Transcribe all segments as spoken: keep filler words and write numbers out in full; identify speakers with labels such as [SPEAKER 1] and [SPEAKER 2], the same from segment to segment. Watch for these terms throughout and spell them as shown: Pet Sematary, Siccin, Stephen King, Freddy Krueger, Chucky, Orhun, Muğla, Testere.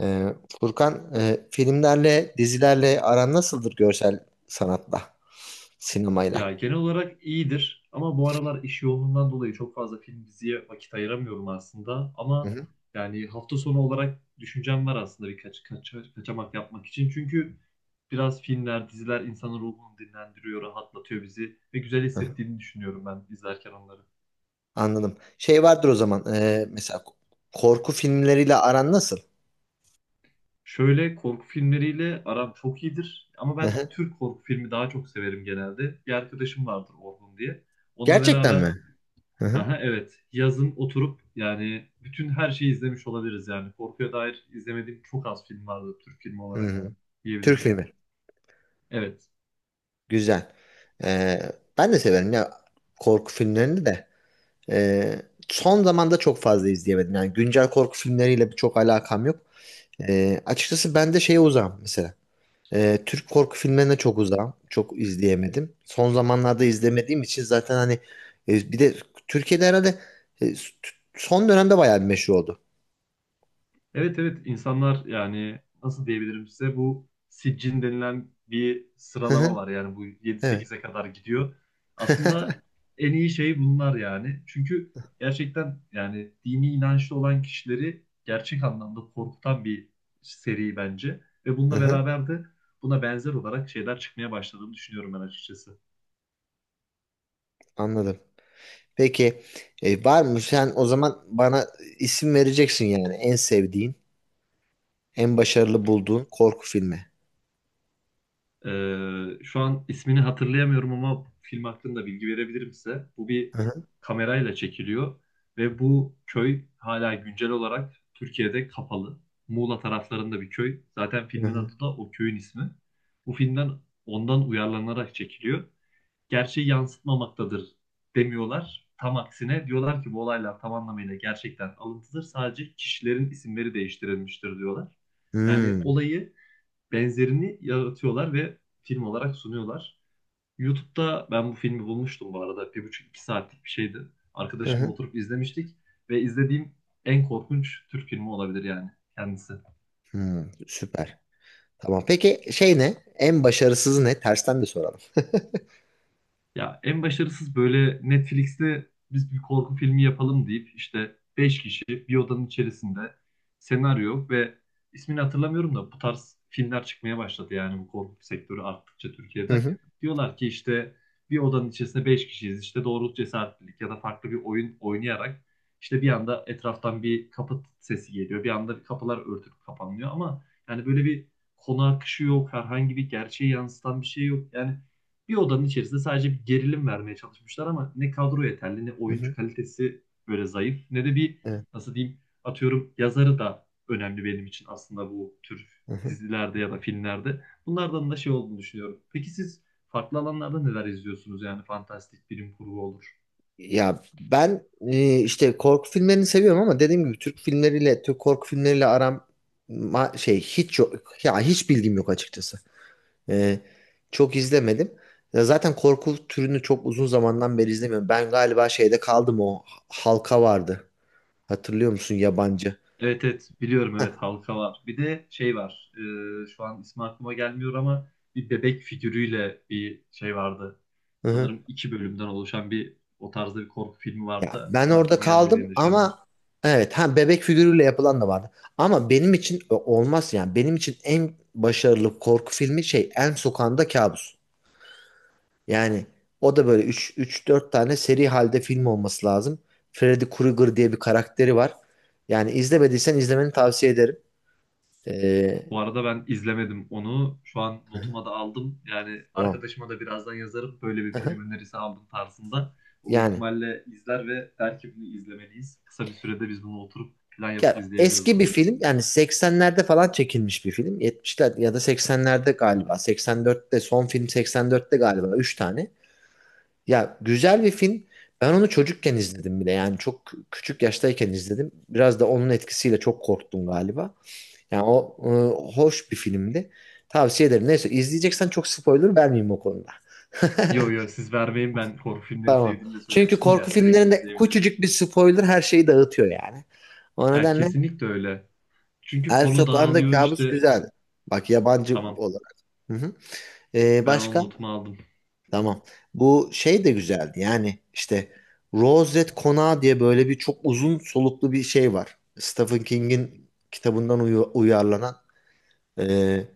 [SPEAKER 1] Ee, Furkan, e, filmlerle, dizilerle aran nasıldır görsel sanatla, sinemayla?
[SPEAKER 2] Ya genel olarak iyidir ama bu aralar iş yoğunluğundan dolayı çok fazla film diziye vakit ayıramıyorum aslında.
[SPEAKER 1] Hı
[SPEAKER 2] Ama
[SPEAKER 1] hı.
[SPEAKER 2] yani hafta sonu olarak düşüncem var aslında birkaç kaç, kaçamak yapmak için. Çünkü biraz filmler, diziler insanın ruhunu dinlendiriyor, rahatlatıyor bizi ve güzel
[SPEAKER 1] Hı hı.
[SPEAKER 2] hissettiğini düşünüyorum ben izlerken onları.
[SPEAKER 1] Anladım. Şey vardır o zaman, e, mesela k- korku filmleriyle aran nasıl?
[SPEAKER 2] Şöyle korku filmleriyle aram çok iyidir ama
[SPEAKER 1] Hı
[SPEAKER 2] ben
[SPEAKER 1] hı.
[SPEAKER 2] Türk korku filmi daha çok severim genelde. Bir arkadaşım vardır Orhun diye. Onunla
[SPEAKER 1] Gerçekten
[SPEAKER 2] beraber
[SPEAKER 1] mi? Hı hı.
[SPEAKER 2] aha, evet. Yazın oturup yani bütün her şeyi izlemiş olabiliriz yani. Korkuya dair izlemediğim çok az film vardı Türk filmi
[SPEAKER 1] Hı
[SPEAKER 2] olarak
[SPEAKER 1] hı. Türk
[SPEAKER 2] diyebilirim.
[SPEAKER 1] filmi.
[SPEAKER 2] Evet.
[SPEAKER 1] Güzel. Ee, ben de severim ya korku filmlerini de. Ee, son zamanda çok fazla izleyemedim. Yani güncel korku filmleriyle çok alakam yok. Ee, açıkçası ben de şeye uzağım mesela. Ee, Türk korku filmlerine çok uzağım. Çok izleyemedim. Son zamanlarda izlemediğim için zaten hani e, bir de Türkiye'de herhalde e, s- t- son dönemde bayağı bir meşhur oldu.
[SPEAKER 2] Evet, evet, insanlar yani nasıl diyebilirim size bu siccin denilen bir
[SPEAKER 1] Hı
[SPEAKER 2] sıralama
[SPEAKER 1] hı,
[SPEAKER 2] var yani bu yedi
[SPEAKER 1] evet.
[SPEAKER 2] sekize kadar gidiyor. Aslında en iyi şey bunlar yani. Çünkü gerçekten yani dini inançlı olan kişileri gerçek anlamda korkutan bir seri bence. Ve
[SPEAKER 1] Hı
[SPEAKER 2] bununla
[SPEAKER 1] hı,
[SPEAKER 2] beraber de buna benzer olarak şeyler çıkmaya başladığını düşünüyorum ben açıkçası.
[SPEAKER 1] anladım. Peki e, var mı sen o zaman bana isim vereceksin yani en sevdiğin, en başarılı bulduğun korku filmi.
[SPEAKER 2] Ee, şu an ismini hatırlayamıyorum ama film hakkında bilgi verebilirim size. Bu bir
[SPEAKER 1] Hı hı,
[SPEAKER 2] kamerayla çekiliyor ve bu köy hala güncel olarak Türkiye'de kapalı. Muğla taraflarında bir köy. Zaten
[SPEAKER 1] hı
[SPEAKER 2] filmin
[SPEAKER 1] hı.
[SPEAKER 2] adı da o köyün ismi. Bu filmden ondan uyarlanarak çekiliyor. Gerçeği yansıtmamaktadır demiyorlar. Tam aksine diyorlar ki bu olaylar tam anlamıyla gerçekten alıntıdır. Sadece kişilerin isimleri değiştirilmiştir diyorlar. Yani
[SPEAKER 1] Hmm,
[SPEAKER 2] olayı benzerini yaratıyorlar ve film olarak sunuyorlar. YouTube'da ben bu filmi bulmuştum bu arada. Bir buçuk iki saatlik bir şeydi.
[SPEAKER 1] hı
[SPEAKER 2] Arkadaşımla
[SPEAKER 1] hı,
[SPEAKER 2] oturup izlemiştik ve izlediğim en korkunç Türk filmi olabilir yani kendisi.
[SPEAKER 1] hmm, süper. Tamam. Peki şey ne? En başarısızı ne? Tersten de soralım.
[SPEAKER 2] Ya en başarısız böyle Netflix'te biz bir korku filmi yapalım deyip işte beş kişi bir odanın içerisinde senaryo ve ismini hatırlamıyorum da bu tarz filmler çıkmaya başladı yani bu korku sektörü arttıkça
[SPEAKER 1] Hı
[SPEAKER 2] Türkiye'de.
[SPEAKER 1] hı,
[SPEAKER 2] Diyorlar ki işte bir odanın içerisinde beş kişiyiz işte doğruluk cesaretlilik ya da farklı bir oyun oynayarak işte bir anda etraftan bir kapı sesi geliyor bir anda kapılar örtülüp kapanıyor ama yani böyle bir konu akışı yok herhangi bir gerçeği yansıtan bir şey yok yani bir odanın içerisinde sadece bir gerilim vermeye çalışmışlar ama ne kadro yeterli ne
[SPEAKER 1] hı
[SPEAKER 2] oyuncu
[SPEAKER 1] hı,
[SPEAKER 2] kalitesi böyle zayıf ne de bir
[SPEAKER 1] evet.
[SPEAKER 2] nasıl diyeyim atıyorum yazarı da önemli benim için aslında bu tür
[SPEAKER 1] Hı hı.
[SPEAKER 2] dizilerde ya da filmlerde. Bunlardan da şey olduğunu düşünüyorum. Peki siz farklı alanlarda neler izliyorsunuz? Yani fantastik bilim kurgu olur.
[SPEAKER 1] Ya ben e, işte korku filmlerini seviyorum ama dediğim gibi Türk filmleriyle Türk korku filmleriyle aram ma- şey hiç yok ya hiç bilgim yok açıkçası. E, çok izlemedim. Ya zaten korku türünü çok uzun zamandan beri izlemiyorum. Ben galiba şeyde kaldım o halka vardı. Hatırlıyor musun yabancı?
[SPEAKER 2] Evet, evet, biliyorum, evet, halka var. Bir de şey var. E, şu an ismi aklıma gelmiyor ama bir bebek figürüyle bir şey vardı.
[SPEAKER 1] Hı hı.
[SPEAKER 2] Sanırım iki bölümden oluşan bir o tarzda bir korku filmi vardı
[SPEAKER 1] Ya
[SPEAKER 2] da
[SPEAKER 1] ben
[SPEAKER 2] ismi
[SPEAKER 1] orada
[SPEAKER 2] aklıma gelmedi
[SPEAKER 1] kaldım
[SPEAKER 2] benim de şu an.
[SPEAKER 1] ama evet ha bebek figürüyle yapılan da vardı. Ama benim için o- olmaz yani benim için en başarılı korku filmi şey En Sokağında Kabus. Yani o da böyle üç dört tane seri halde film olması lazım. Freddy Krueger diye bir karakteri var. Yani izlemediysen izlemeni tavsiye ederim. Ee,
[SPEAKER 2] Bu arada ben izlemedim onu. Şu an notuma da aldım. Yani
[SPEAKER 1] tamam.
[SPEAKER 2] arkadaşıma da birazdan yazarım. Böyle bir
[SPEAKER 1] Hı hı.
[SPEAKER 2] film önerisi aldım tarzında. O büyük
[SPEAKER 1] Yani
[SPEAKER 2] ihtimalle izler ve der ki bunu izlemeliyiz. Kısa bir sürede biz bunu oturup plan yapıp
[SPEAKER 1] ya
[SPEAKER 2] izleyebiliriz
[SPEAKER 1] eski
[SPEAKER 2] bu
[SPEAKER 1] bir
[SPEAKER 2] arada.
[SPEAKER 1] film yani seksenlerde falan çekilmiş bir film. yetmişler ya da seksenlerde galiba. seksen dörtte son film seksen dörtte galiba Üç tane. Ya güzel bir film. Ben onu çocukken izledim bile. Yani çok küçük yaştayken izledim. Biraz da onun etkisiyle çok korktum galiba. Yani o e, hoş bir filmdi. Tavsiye ederim. Neyse izleyeceksen çok spoiler vermeyeyim o konuda.
[SPEAKER 2] Yo yo siz vermeyin, ben korku filmleri
[SPEAKER 1] Tamam.
[SPEAKER 2] sevdiğimi de
[SPEAKER 1] Çünkü
[SPEAKER 2] söylemiştim
[SPEAKER 1] korku
[SPEAKER 2] ya, direkt
[SPEAKER 1] filmlerinde
[SPEAKER 2] izleyebilirim.
[SPEAKER 1] küçücük bir spoiler her şeyi dağıtıyor yani. O
[SPEAKER 2] Yani
[SPEAKER 1] nedenle
[SPEAKER 2] kesinlikle öyle. Çünkü
[SPEAKER 1] El
[SPEAKER 2] konu
[SPEAKER 1] Sokağında
[SPEAKER 2] dağılıyor
[SPEAKER 1] Kabus
[SPEAKER 2] işte.
[SPEAKER 1] güzeldi. Bak yabancı
[SPEAKER 2] Tamam,
[SPEAKER 1] olarak. Hı hı. E,
[SPEAKER 2] ben onun
[SPEAKER 1] başka?
[SPEAKER 2] notumu aldım.
[SPEAKER 1] Tamam. Bu şey de güzeldi. Yani işte Rose Red Konağı diye böyle bir çok uzun soluklu bir şey var. Stephen King'in kitabından uyu- uyarlanan. Ee,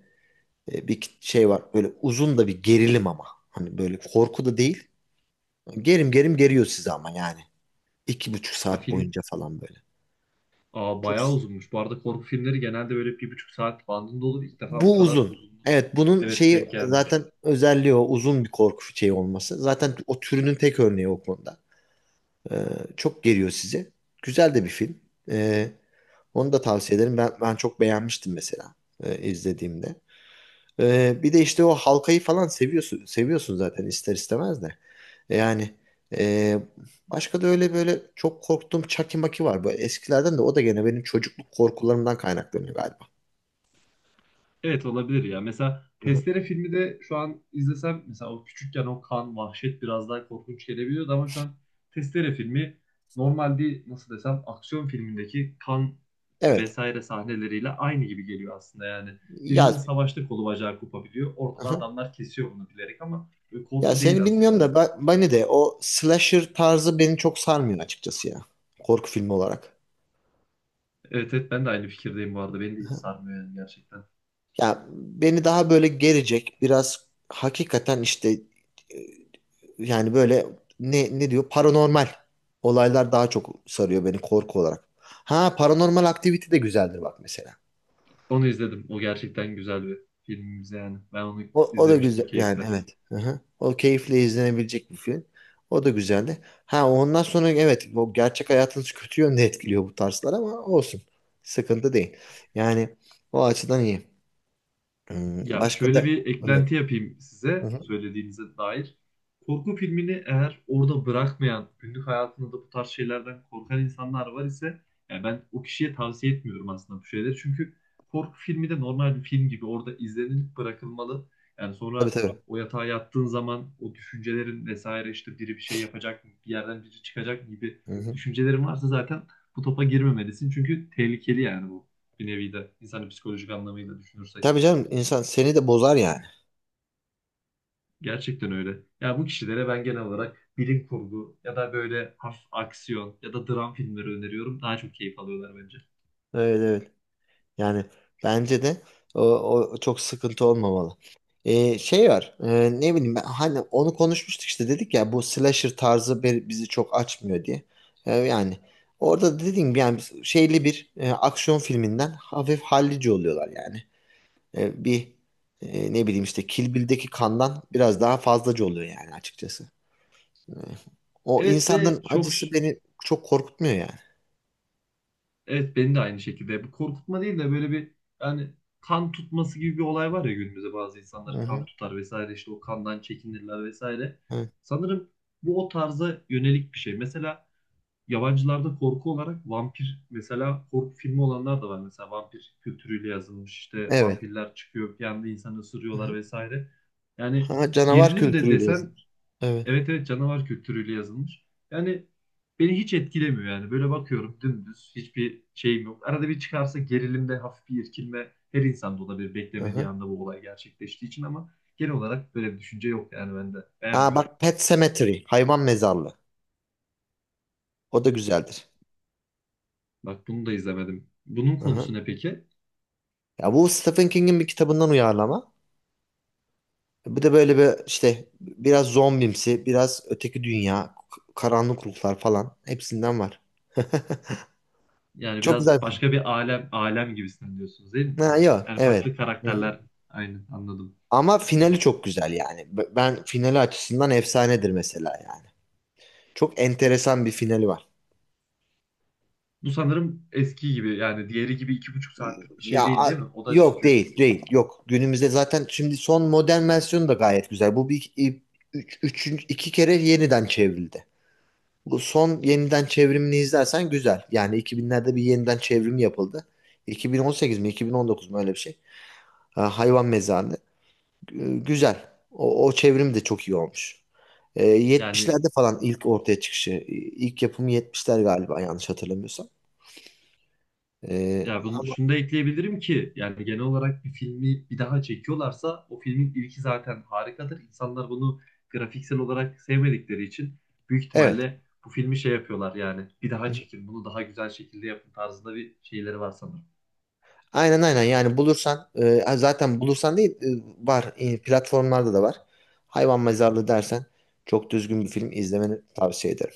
[SPEAKER 1] E, bir şey var böyle uzun da bir gerilim ama. Hani böyle korku da değil. Gerim gerim geriyor sizi ama yani. İki buçuk
[SPEAKER 2] A,
[SPEAKER 1] saat
[SPEAKER 2] film
[SPEAKER 1] boyunca falan böyle.
[SPEAKER 2] Aa,
[SPEAKER 1] Çok
[SPEAKER 2] bayağı uzunmuş. Bu arada korku filmleri genelde böyle bir buçuk saat bandında olur. İlk defa bu
[SPEAKER 1] bu
[SPEAKER 2] kadar
[SPEAKER 1] uzun.
[SPEAKER 2] uzun.
[SPEAKER 1] Evet bunun
[SPEAKER 2] Evet,
[SPEAKER 1] şeyi
[SPEAKER 2] denk geldim.
[SPEAKER 1] zaten özelliği o uzun bir korku şeyi olması. Zaten o türünün tek örneği o konuda. E, çok geriyor sizi. Güzel de bir film. E, onu da tavsiye ederim. Ben, ben çok beğenmiştim mesela e, izlediğimde. E, bir de işte o halkayı falan seviyorsun seviyorsun zaten ister istemez de. Yani e, başka da öyle böyle çok korktuğum Chucky Maki var. Bu eskilerden de o da gene benim çocukluk korkularımdan kaynaklanıyor galiba.
[SPEAKER 2] Evet, olabilir ya. Mesela
[SPEAKER 1] Hı-hı.
[SPEAKER 2] Testere filmi de şu an izlesem mesela o küçükken o kan, vahşet biraz daha korkunç gelebiliyordu ama şu an Testere filmi normal bir nasıl desem aksiyon filmindeki kan
[SPEAKER 1] Evet.
[SPEAKER 2] vesaire sahneleriyle aynı gibi geliyor aslında yani.
[SPEAKER 1] Ya,
[SPEAKER 2] Birinin savaşta kolu bacağı kopabiliyor. Orada da
[SPEAKER 1] hı
[SPEAKER 2] adamlar kesiyor bunu bilerek ama böyle
[SPEAKER 1] Ya
[SPEAKER 2] korku
[SPEAKER 1] seni
[SPEAKER 2] değil aslında
[SPEAKER 1] bilmiyorum da
[SPEAKER 2] o.
[SPEAKER 1] ben, beni de o slasher tarzı beni çok sarmıyor açıkçası ya. Korku filmi olarak.
[SPEAKER 2] Evet, evet, ben de aynı fikirdeyim bu arada. Beni de hiç
[SPEAKER 1] Hı-hı.
[SPEAKER 2] sarmıyor yani gerçekten.
[SPEAKER 1] Ya beni daha böyle gelecek biraz hakikaten işte e, yani böyle ne, ne diyor paranormal olaylar daha çok sarıyor beni korku olarak. Ha paranormal aktivite de güzeldir bak mesela.
[SPEAKER 2] Onu izledim. O gerçekten güzel bir filmimiz yani. Ben onu
[SPEAKER 1] O, o da
[SPEAKER 2] izlemiştim
[SPEAKER 1] güzel yani
[SPEAKER 2] keyifle.
[SPEAKER 1] evet. Hı-hı. O keyifle izlenebilecek bir film. O da güzeldi. Ha ondan sonra evet bu gerçek hayatınız kötü yönde etkiliyor bu tarzlar ama olsun. Sıkıntı değil. Yani o açıdan iyi. Hmm,
[SPEAKER 2] Ya
[SPEAKER 1] Başka
[SPEAKER 2] şöyle
[SPEAKER 1] da
[SPEAKER 2] bir
[SPEAKER 1] yok.
[SPEAKER 2] eklenti yapayım size
[SPEAKER 1] Hı-hı.
[SPEAKER 2] söylediğinize dair. Korku filmini eğer orada bırakmayan, günlük hayatında da bu tarz şeylerden korkan insanlar var ise yani ben o kişiye tavsiye etmiyorum aslında bu şeyleri. Çünkü korku filmi de normal bir film gibi orada izlenilip bırakılmalı. Yani
[SPEAKER 1] Tabii
[SPEAKER 2] sonra
[SPEAKER 1] tabii.
[SPEAKER 2] o yatağa yattığın zaman o düşüncelerin vesaire işte biri bir şey yapacak mı, bir yerden biri çıkacak gibi
[SPEAKER 1] Hı-hı.
[SPEAKER 2] düşüncelerin varsa zaten bu topa girmemelisin. Çünkü tehlikeli yani bu, bir nevi de insanın psikolojik anlamıyla düşünürsek.
[SPEAKER 1] Tabii canım insan seni de bozar yani.
[SPEAKER 2] Gerçekten öyle. Ya bu kişilere ben genel olarak bilim kurgu ya da böyle hafif aksiyon ya da dram filmleri öneriyorum. Daha çok keyif alıyorlar bence.
[SPEAKER 1] Evet evet. Yani bence de o, o çok sıkıntı olmamalı. Ee, şey var e, ne bileyim ben, hani onu konuşmuştuk işte dedik ya bu slasher tarzı be- bizi çok açmıyor diye. Ee, yani orada dediğim gibi yani şeyli bir e, aksiyon filminden hafif hallici oluyorlar yani. Ee, bir e, ne bileyim işte Kill Bill'deki kandan biraz daha fazlaca oluyor yani açıkçası. Ee, o
[SPEAKER 2] Evet
[SPEAKER 1] insanların
[SPEAKER 2] ve çok
[SPEAKER 1] acısı beni çok korkutmuyor yani.
[SPEAKER 2] evet beni de aynı şekilde bu korkutma değil de böyle bir yani kan tutması gibi bir olay var ya, günümüzde bazı
[SPEAKER 1] Hı
[SPEAKER 2] insanlar kan
[SPEAKER 1] hı.
[SPEAKER 2] tutar vesaire işte o kandan çekinirler vesaire.
[SPEAKER 1] Evet.
[SPEAKER 2] Sanırım bu o tarza yönelik bir şey. Mesela yabancılarda korku olarak vampir mesela korku filmi olanlar da var. Mesela vampir kültürüyle yazılmış işte
[SPEAKER 1] Evet.
[SPEAKER 2] vampirler çıkıyor bir anda insanı
[SPEAKER 1] Hı
[SPEAKER 2] ısırıyorlar
[SPEAKER 1] hı.
[SPEAKER 2] vesaire. Yani
[SPEAKER 1] Ha, canavar
[SPEAKER 2] gerilim de
[SPEAKER 1] kültürüyle
[SPEAKER 2] desen
[SPEAKER 1] yazılmış. Evet.
[SPEAKER 2] evet, evet, canavar kültürüyle yazılmış. Yani beni hiç etkilemiyor yani. Böyle bakıyorum dümdüz hiçbir şeyim yok. Arada bir çıkarsa gerilimde hafif bir irkilme her insanda olabilir
[SPEAKER 1] Hı
[SPEAKER 2] beklemediği
[SPEAKER 1] hı.
[SPEAKER 2] anda bu olay gerçekleştiği için ama genel olarak böyle bir düşünce yok yani ben de
[SPEAKER 1] Ha
[SPEAKER 2] beğenmiyorum.
[SPEAKER 1] bak Pet Sematary. Hayvan mezarlığı. O da güzeldir.
[SPEAKER 2] Bak, bunu da izlemedim. Bunun
[SPEAKER 1] Hı
[SPEAKER 2] konusu
[SPEAKER 1] hı.
[SPEAKER 2] ne peki?
[SPEAKER 1] Ya bu Stephen King'in bir kitabından uyarlama. Bu da böyle bir işte biraz zombimsi, biraz öteki dünya, k- karanlık ruhlar falan hepsinden var.
[SPEAKER 2] Yani
[SPEAKER 1] Çok
[SPEAKER 2] biraz
[SPEAKER 1] güzel. Film.
[SPEAKER 2] başka bir alem alem gibisinden diyorsunuz değil mi
[SPEAKER 1] Ha
[SPEAKER 2] onu?
[SPEAKER 1] yok
[SPEAKER 2] Yani
[SPEAKER 1] evet.
[SPEAKER 2] farklı
[SPEAKER 1] Hı hı.
[SPEAKER 2] karakterler aynı, anladım.
[SPEAKER 1] Ama finali çok güzel yani. B- Ben finali açısından efsanedir mesela yani. Çok enteresan bir finali var.
[SPEAKER 2] Bu sanırım eski gibi yani diğeri gibi iki buçuk saatlik bir şey
[SPEAKER 1] Ya
[SPEAKER 2] değil
[SPEAKER 1] a-
[SPEAKER 2] değil mi? O da
[SPEAKER 1] yok
[SPEAKER 2] çünkü
[SPEAKER 1] değil değil yok günümüzde zaten şimdi son modern versiyonu da gayet güzel. Bu bir üç, üçüncü- iki kere yeniden çevrildi. Bu son yeniden çevrimini izlersen güzel. Yani iki binlerde bir yeniden çevrim yapıldı. iki bin on sekiz mi iki bin on dokuz mu öyle bir şey. Ha, hayvan mezarlığı Gü- Güzel. O, o çevrim de çok iyi olmuş. Ee,
[SPEAKER 2] yani
[SPEAKER 1] yetmişlerde falan ilk ortaya çıkışı. İlk yapımı yetmişler galiba yanlış hatırlamıyorsam. Ee,
[SPEAKER 2] ya bunu
[SPEAKER 1] ama
[SPEAKER 2] şunu da ekleyebilirim ki yani genel olarak bir filmi bir daha çekiyorlarsa o filmin ilki zaten harikadır. İnsanlar bunu grafiksel olarak sevmedikleri için büyük
[SPEAKER 1] evet.
[SPEAKER 2] ihtimalle bu filmi şey yapıyorlar yani bir daha çekin bunu daha güzel şekilde yapın tarzında bir şeyleri var sanırım.
[SPEAKER 1] Aynen aynen yani bulursan e, zaten bulursan değil e, var E, platformlarda da var. Hayvan Mezarlığı dersen çok düzgün bir film izlemeni tavsiye ederim.